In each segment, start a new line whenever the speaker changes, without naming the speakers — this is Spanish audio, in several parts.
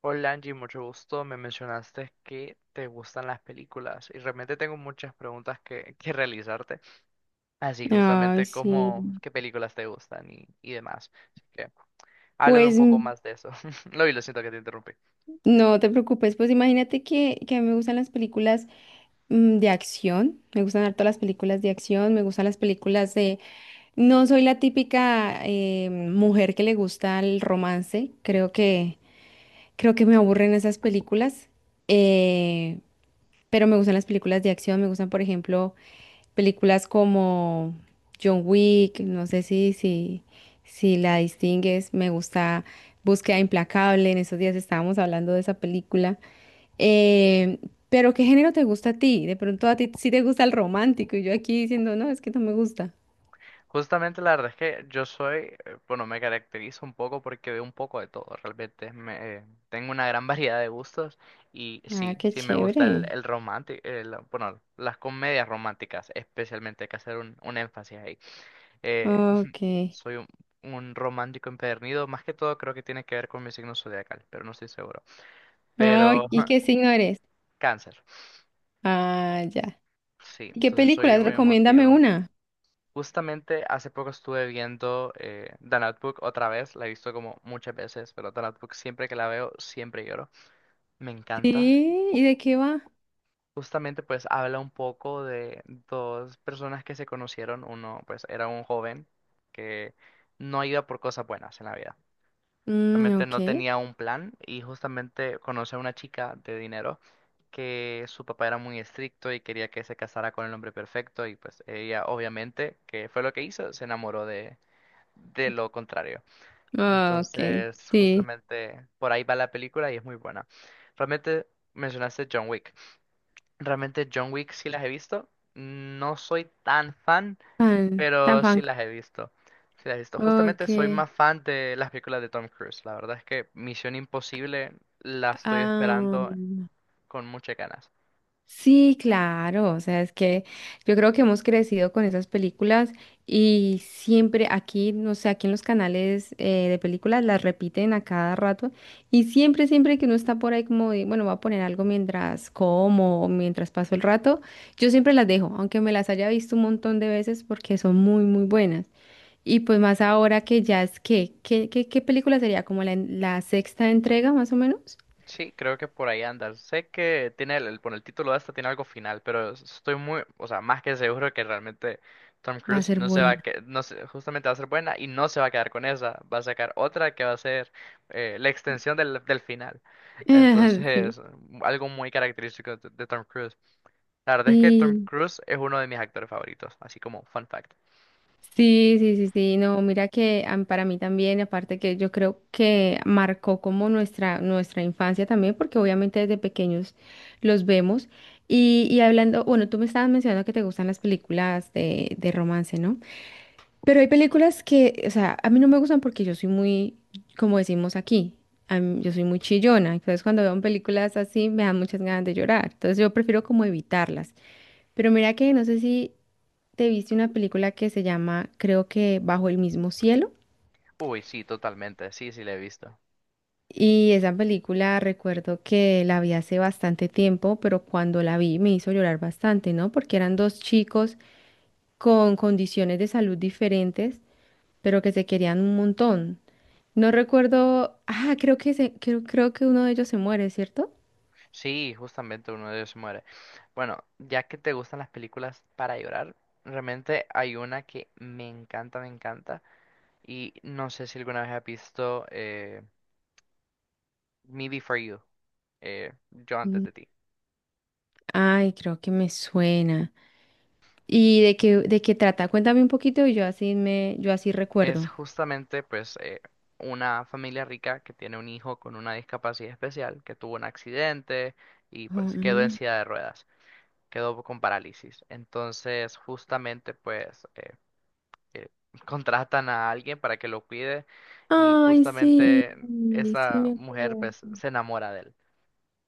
Hola Angie, mucho gusto. Me mencionaste que te gustan las películas y realmente tengo muchas preguntas que realizarte. Así que
Ay,
justamente
sí.
como qué películas te gustan y demás. Así que háblame un
Pues
poco
mm,
más de eso. Lo vi, lo siento que te interrumpí.
no te preocupes, pues imagínate que a mí me gustan las películas de acción, me gustan harto las películas de acción, me gustan las películas de... No soy la típica mujer que le gusta el romance, creo que me aburren esas películas. Eh, Pero me gustan las películas de acción, me gustan, por ejemplo, películas como John Wick, no sé si la distingues, me gusta Búsqueda Implacable, en esos días estábamos hablando de esa película. Eh, pero ¿qué género te gusta a ti? De pronto a ti sí te gusta el romántico y yo aquí diciendo, no, es que no me gusta.
Justamente la verdad es que yo soy, bueno, me caracterizo un poco porque veo un poco de todo. Realmente tengo una gran variedad de gustos y
Ah,
sí,
qué
sí me gusta
chévere.
el romántico, bueno, las comedias románticas, especialmente hay que hacer un énfasis ahí. Eh,
Ok.
Soy un romántico empedernido. Más que todo creo que tiene que ver con mi signo zodiacal, pero no estoy seguro.
Ah,
Pero
¿y qué signo eres?
cáncer.
Ah, ya.
Sí,
¿Y qué
entonces soy
películas?
muy
Recomiéndame
emotivo.
una.
Justamente hace poco estuve viendo The Notebook otra vez. La he visto como muchas veces, pero The Notebook siempre que la veo, siempre lloro. Me encanta.
Sí, ¿y de qué va?
Justamente pues habla un poco de dos personas que se conocieron. Uno pues era un joven que no iba por cosas buenas en la vida.
Mm,
Realmente no
ok.
tenía un plan y justamente conocí a una chica de dinero que su papá era muy estricto y quería que se casara con el hombre perfecto y pues ella obviamente, que fue lo que hizo, se enamoró de lo contrario.
Ah, ok,
Entonces,
sí.
justamente por ahí va la película y es muy buena. Realmente mencionaste John Wick. Realmente John Wick sí las he visto. No soy tan fan,
Fan, tan
pero sí
fan.
las he visto. Sí las he visto. Justamente
Ok.
soy más fan de las películas de Tom Cruise. La verdad es que Misión Imposible la estoy
Ah,
esperando con muchas ganas.
sí, claro. O sea, es que yo creo que hemos crecido con esas películas y siempre aquí, no sé, aquí en los canales de películas las repiten a cada rato y siempre, siempre que uno está por ahí como de, bueno, voy a poner algo mientras como o mientras paso el rato, yo siempre las dejo, aunque me las haya visto un montón de veces porque son muy, muy buenas. Y pues más ahora que ya es que, ¿ qué película sería? ¿Como la sexta entrega más o menos?
Sí, creo que por ahí anda. Sé que tiene por el título de esta tiene algo final, pero estoy muy, o sea, más que seguro que realmente Tom
Va a
Cruise
ser
no se va a
buena.
no se- justamente va a ser buena y no se va a quedar con esa. Va a sacar otra que va a ser la extensión del final.
Sí.
Entonces, algo muy característico de Tom Cruise. La verdad es que Tom
Sí,
Cruise es uno de mis actores favoritos, así como fun fact.
sí. No, mira que a mí- para mí también, aparte que yo creo que marcó como nuestra, nuestra infancia también, porque obviamente desde pequeños los vemos. Y hablando, bueno, tú me estabas mencionando que te gustan las películas de romance, ¿no? Pero hay películas que, o sea, a mí no me gustan porque yo soy muy, como decimos aquí, a mí- yo soy muy chillona. Entonces, cuando veo películas así, me dan muchas ganas de llorar. Entonces, yo prefiero como evitarlas. Pero mira que no sé si te viste una película que se llama, creo que Bajo el mismo cielo.
Uy, sí, totalmente, sí, sí, le he visto.
Y esa película recuerdo que la vi hace bastante tiempo, pero cuando la vi me hizo llorar bastante, ¿no? Porque eran dos chicos con condiciones de salud diferentes, pero que se querían un montón. No recuerdo. Ah, creo que se- creo que uno de ellos se muere, ¿cierto?
Sí, justamente uno de ellos se muere. Bueno, ya que te gustan las películas para llorar, realmente hay una que me encanta, me encanta. Y no sé si alguna vez has visto Me Before You, Yo antes
Mm,
de ti.
Ay, creo que me suena. ¿Y de qué trata? Cuéntame un poquito y yo así me, yo así
Es
recuerdo.
justamente, pues, una familia rica que tiene un hijo con una discapacidad especial, que tuvo un accidente y
Oh,
pues quedó en
mm.
silla de ruedas. Quedó con parálisis. Entonces, justamente, pues, eh, contratan a alguien para que lo cuide y
Ay, sí,
justamente
sí
esa
me
mujer,
acuerdo.
pues, se enamora de él.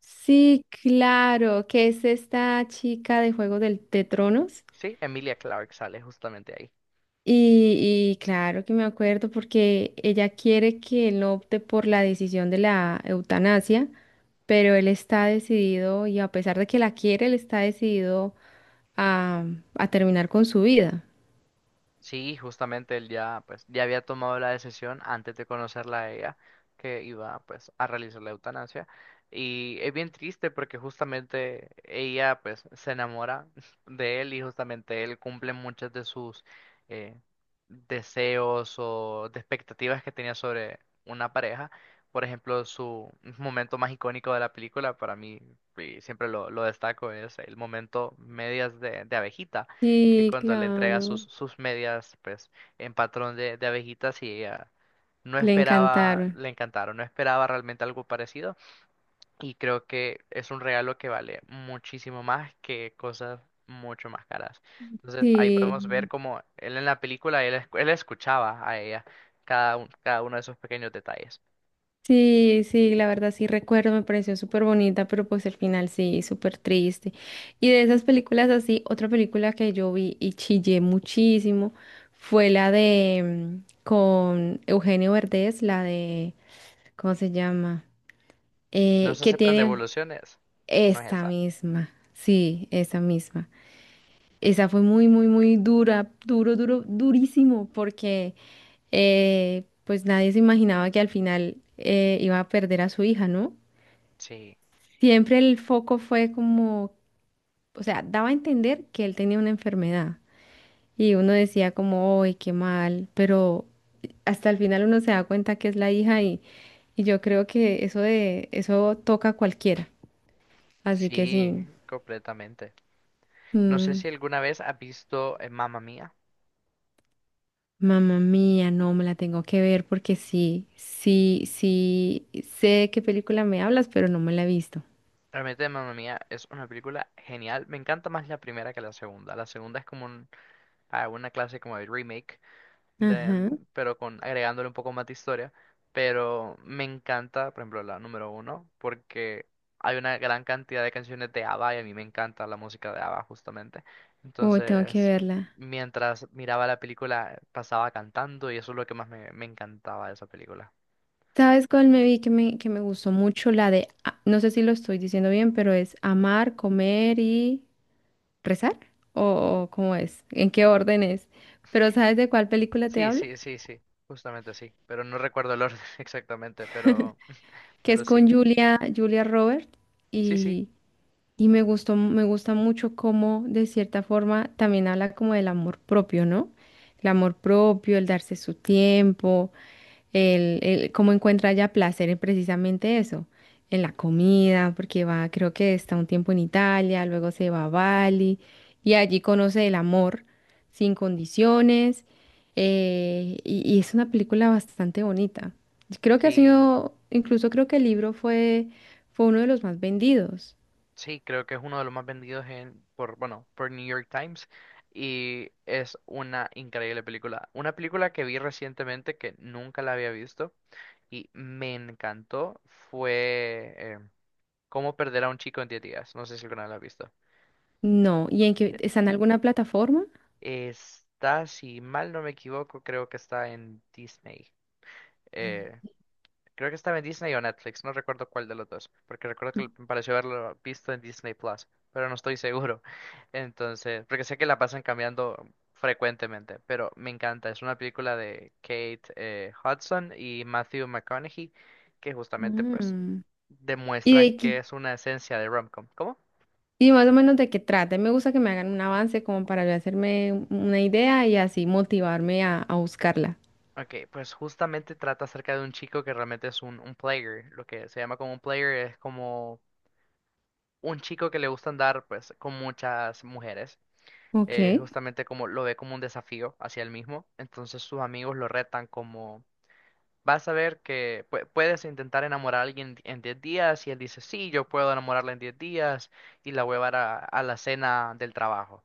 Sí, claro, que es esta chica de de Tronos.
Sí, Emilia Clarke sale justamente ahí.
Y claro que me acuerdo porque ella quiere que él opte por la decisión de la eutanasia, pero él está decidido y a pesar de que la quiere, él está decidido a, a terminar con su vida.
Sí, justamente él ya, pues, ya había tomado la decisión antes de conocerla a ella que iba, pues, a realizar la eutanasia. Y es bien triste porque justamente ella, pues, se enamora de él y justamente él cumple muchas de sus eh, deseos o de expectativas que tenía sobre una pareja. Por ejemplo, su momento más icónico de la película, para mí, y siempre lo destaco, es el momento medias de abejita que
Sí,
cuando le entrega
claro,
sus medias, pues, en patrón de abejitas y ella no
le
esperaba,
encantaron.
le encantaron, no esperaba realmente algo parecido y creo que es un regalo que vale muchísimo más que cosas mucho más caras. Entonces ahí
Sí.
podemos ver como él en la película, él escuchaba a ella cada uno de esos pequeños detalles.
Sí, sí, la verdad sí recuerdo, me pareció súper bonita, pero pues el final sí, súper triste. Y de esas películas así, otra película que yo vi y chillé muchísimo fue la de con Eugenio Verdez, la de, ¿cómo se llama?
No se
Que
aceptan
tiene
devoluciones, no es
esta
esa.
misma, sí, esa misma. Esa fue muy, muy, muy dura, duro, duro, durísimo, porque pues nadie se imaginaba que al final iba a perder a su hija, ¿no?
Sí,
Siempre el foco fue como, o sea, daba a entender que él tenía una enfermedad y uno decía como, ¡ay, qué mal! Pero hasta el final uno se da cuenta que es la hija y yo creo que eso de eso toca a cualquiera. Así que sí,
sí, completamente. No sé
mm,
si alguna vez has visto Mamma Mía.
mamá mía, no me la tengo que ver porque sí, sí, sí, sé de qué película me hablas, pero no me la he visto.
Realmente Mamma Mía es una película genial. Me encanta más la primera que la segunda. Ah, una clase como de remake,
Ajá.
pero con agregándole un poco más de historia. Pero me encanta, por ejemplo, la número uno, porque hay una gran cantidad de canciones de ABBA y a mí me encanta la música de ABBA justamente.
Uy, tengo que
Entonces,
verla.
mientras miraba la película, pasaba cantando y eso es lo que más me encantaba de esa película.
¿Sabes cuál me vi que me gustó mucho? La de, a- no sé si lo estoy diciendo bien, pero es amar, comer y rezar. ¿O cómo es? ¿En qué orden es? Pero ¿sabes de cuál película te
Sí,
hablo?
sí, sí, sí, justamente sí. Pero no recuerdo el orden exactamente, pero...
Que es
Pero sí,
con Julia, Julia Roberts
sí, sí,
y, y me gustó, me gusta mucho cómo de cierta forma también habla como del amor propio, ¿no? El amor propio, el darse su tiempo. Cómo encuentra ella placer en precisamente eso, en la comida, porque va, creo que está un tiempo en Italia, luego se va a Bali y allí conoce el amor sin condiciones y es una película bastante bonita. Creo que ha
sí,
sido, incluso creo que el libro fue, fue uno de los más vendidos.
sí, creo que es uno de los más vendidos en, por, bueno, por New York Times y es una increíble película. Una película que vi recientemente que nunca la había visto y me encantó fue Cómo perder a un chico en 10 días. No sé si alguna vez la has visto.
No, ¿y en qué,
Mira,
está en alguna plataforma?
está, si mal no me equivoco, creo que está en Disney. Eh, Creo que estaba en Disney o Netflix, no recuerdo cuál de los dos, porque recuerdo que me pareció haberlo visto en Disney Plus, pero no estoy seguro. Entonces, porque sé que la pasan cambiando frecuentemente, pero me encanta. Es una película de Kate Hudson y Matthew McConaughey que justamente pues
Mm. ¿Y
demuestran
de
que
qué?
es una esencia de romcom. ¿Cómo?
Y más o menos de qué trata. Me gusta que me hagan un avance como para yo hacerme un- una idea y así motivarme a buscarla.
Ok, pues justamente trata acerca de un chico que realmente es un player. Lo que se llama como un player es como un chico que le gusta andar pues con muchas mujeres
Ok.
justamente como lo ve como un desafío hacia él mismo. Entonces sus amigos lo retan como, vas a ver que puedes intentar enamorar a alguien en 10 días y él dice, sí, yo puedo enamorarla en 10 días y la voy a llevar a la cena del trabajo.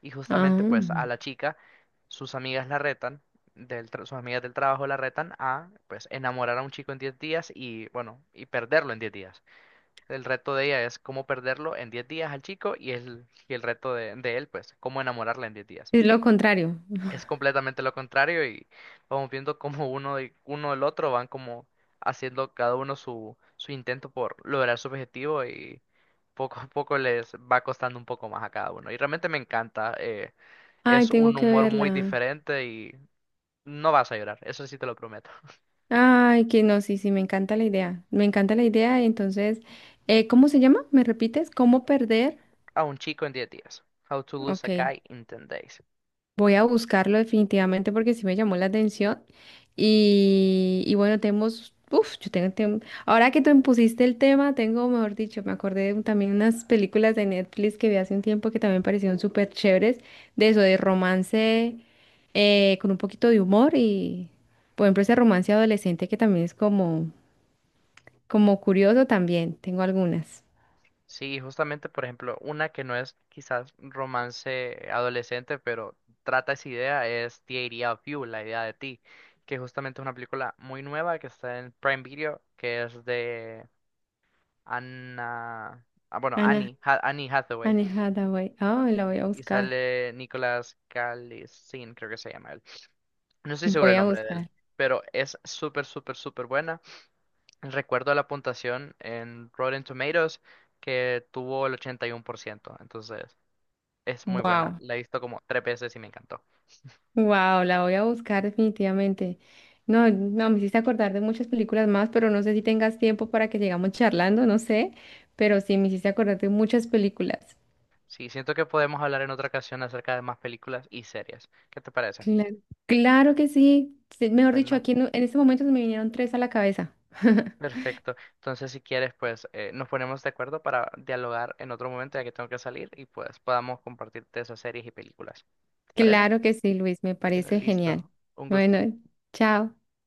Y justamente
Ah,
pues a la chica, sus amigas la retan. Sus amigas del trabajo la retan a pues enamorar a un chico en 10 días y bueno y perderlo en 10 días. El reto de ella es cómo perderlo en 10 días al chico y y el reto de él pues cómo enamorarla en 10 días
es lo contrario.
es completamente lo contrario y vamos viendo cómo uno de uno del otro van como haciendo cada uno su intento por lograr su objetivo y poco a poco les va costando un poco más a cada uno. Y realmente me encanta,
Ay,
es
tengo
un
que
humor muy
verla.
diferente y no vas a llorar, eso sí te lo prometo.
Ay, que no, sí, sí, me encanta la idea. Me encanta la idea. Entonces, ¿cómo se llama? ¿Me repites? ¿Cómo perder?
A un chico en 10 días. How to lose a
Ok.
guy in 10 days.
Voy a buscarlo definitivamente porque sí me llamó la atención. Y bueno, tenemos, uf, yo tengo, tem- ahora que tú me pusiste el tema, tengo, mejor dicho, me acordé de un- también unas películas de Netflix que vi hace un tiempo que también parecieron súper chéveres, de eso, de romance con un poquito de humor y, por ejemplo, ese romance adolescente que también es como, como curioso también, tengo algunas.
Sí, justamente, por ejemplo, una que no es quizás romance adolescente, pero trata esa idea, es The Idea of You, la idea de ti, que justamente es una película muy nueva que está en Prime Video, que es de Anna, ah, bueno,
Ana,
Annie Hathaway,
Anne Hathaway, ah, la voy a
y
buscar,
sale Nicolas Calisin, creo que se llama él. No estoy seguro el
voy a
nombre de él,
buscar.
pero es súper, súper, súper buena. Recuerdo la puntuación en Rotten Tomatoes que tuvo el 81%, entonces... Es muy buena.
Wow.
La he visto como tres veces y me encantó.
Wow, la voy a buscar definitivamente. No, no, me hiciste acordar de muchas películas más, pero no sé si tengas tiempo para que sigamos charlando, no sé, pero sí me hiciste acordar de muchas películas.
Sí, siento que podemos hablar en otra ocasión acerca de más películas y series. ¿Qué te parece?
Claro, claro que sí. Sí, mejor dicho,
Bueno,
aquí en este momento se me vinieron 3 a la cabeza.
perfecto. Entonces, si quieres, pues nos ponemos de acuerdo para dialogar en otro momento ya que tengo que salir y pues podamos compartirte esas series y películas. ¿Te parece?
Claro que sí, Luis, me
Bueno,
parece genial.
listo. Un gusto.
Bueno, chao.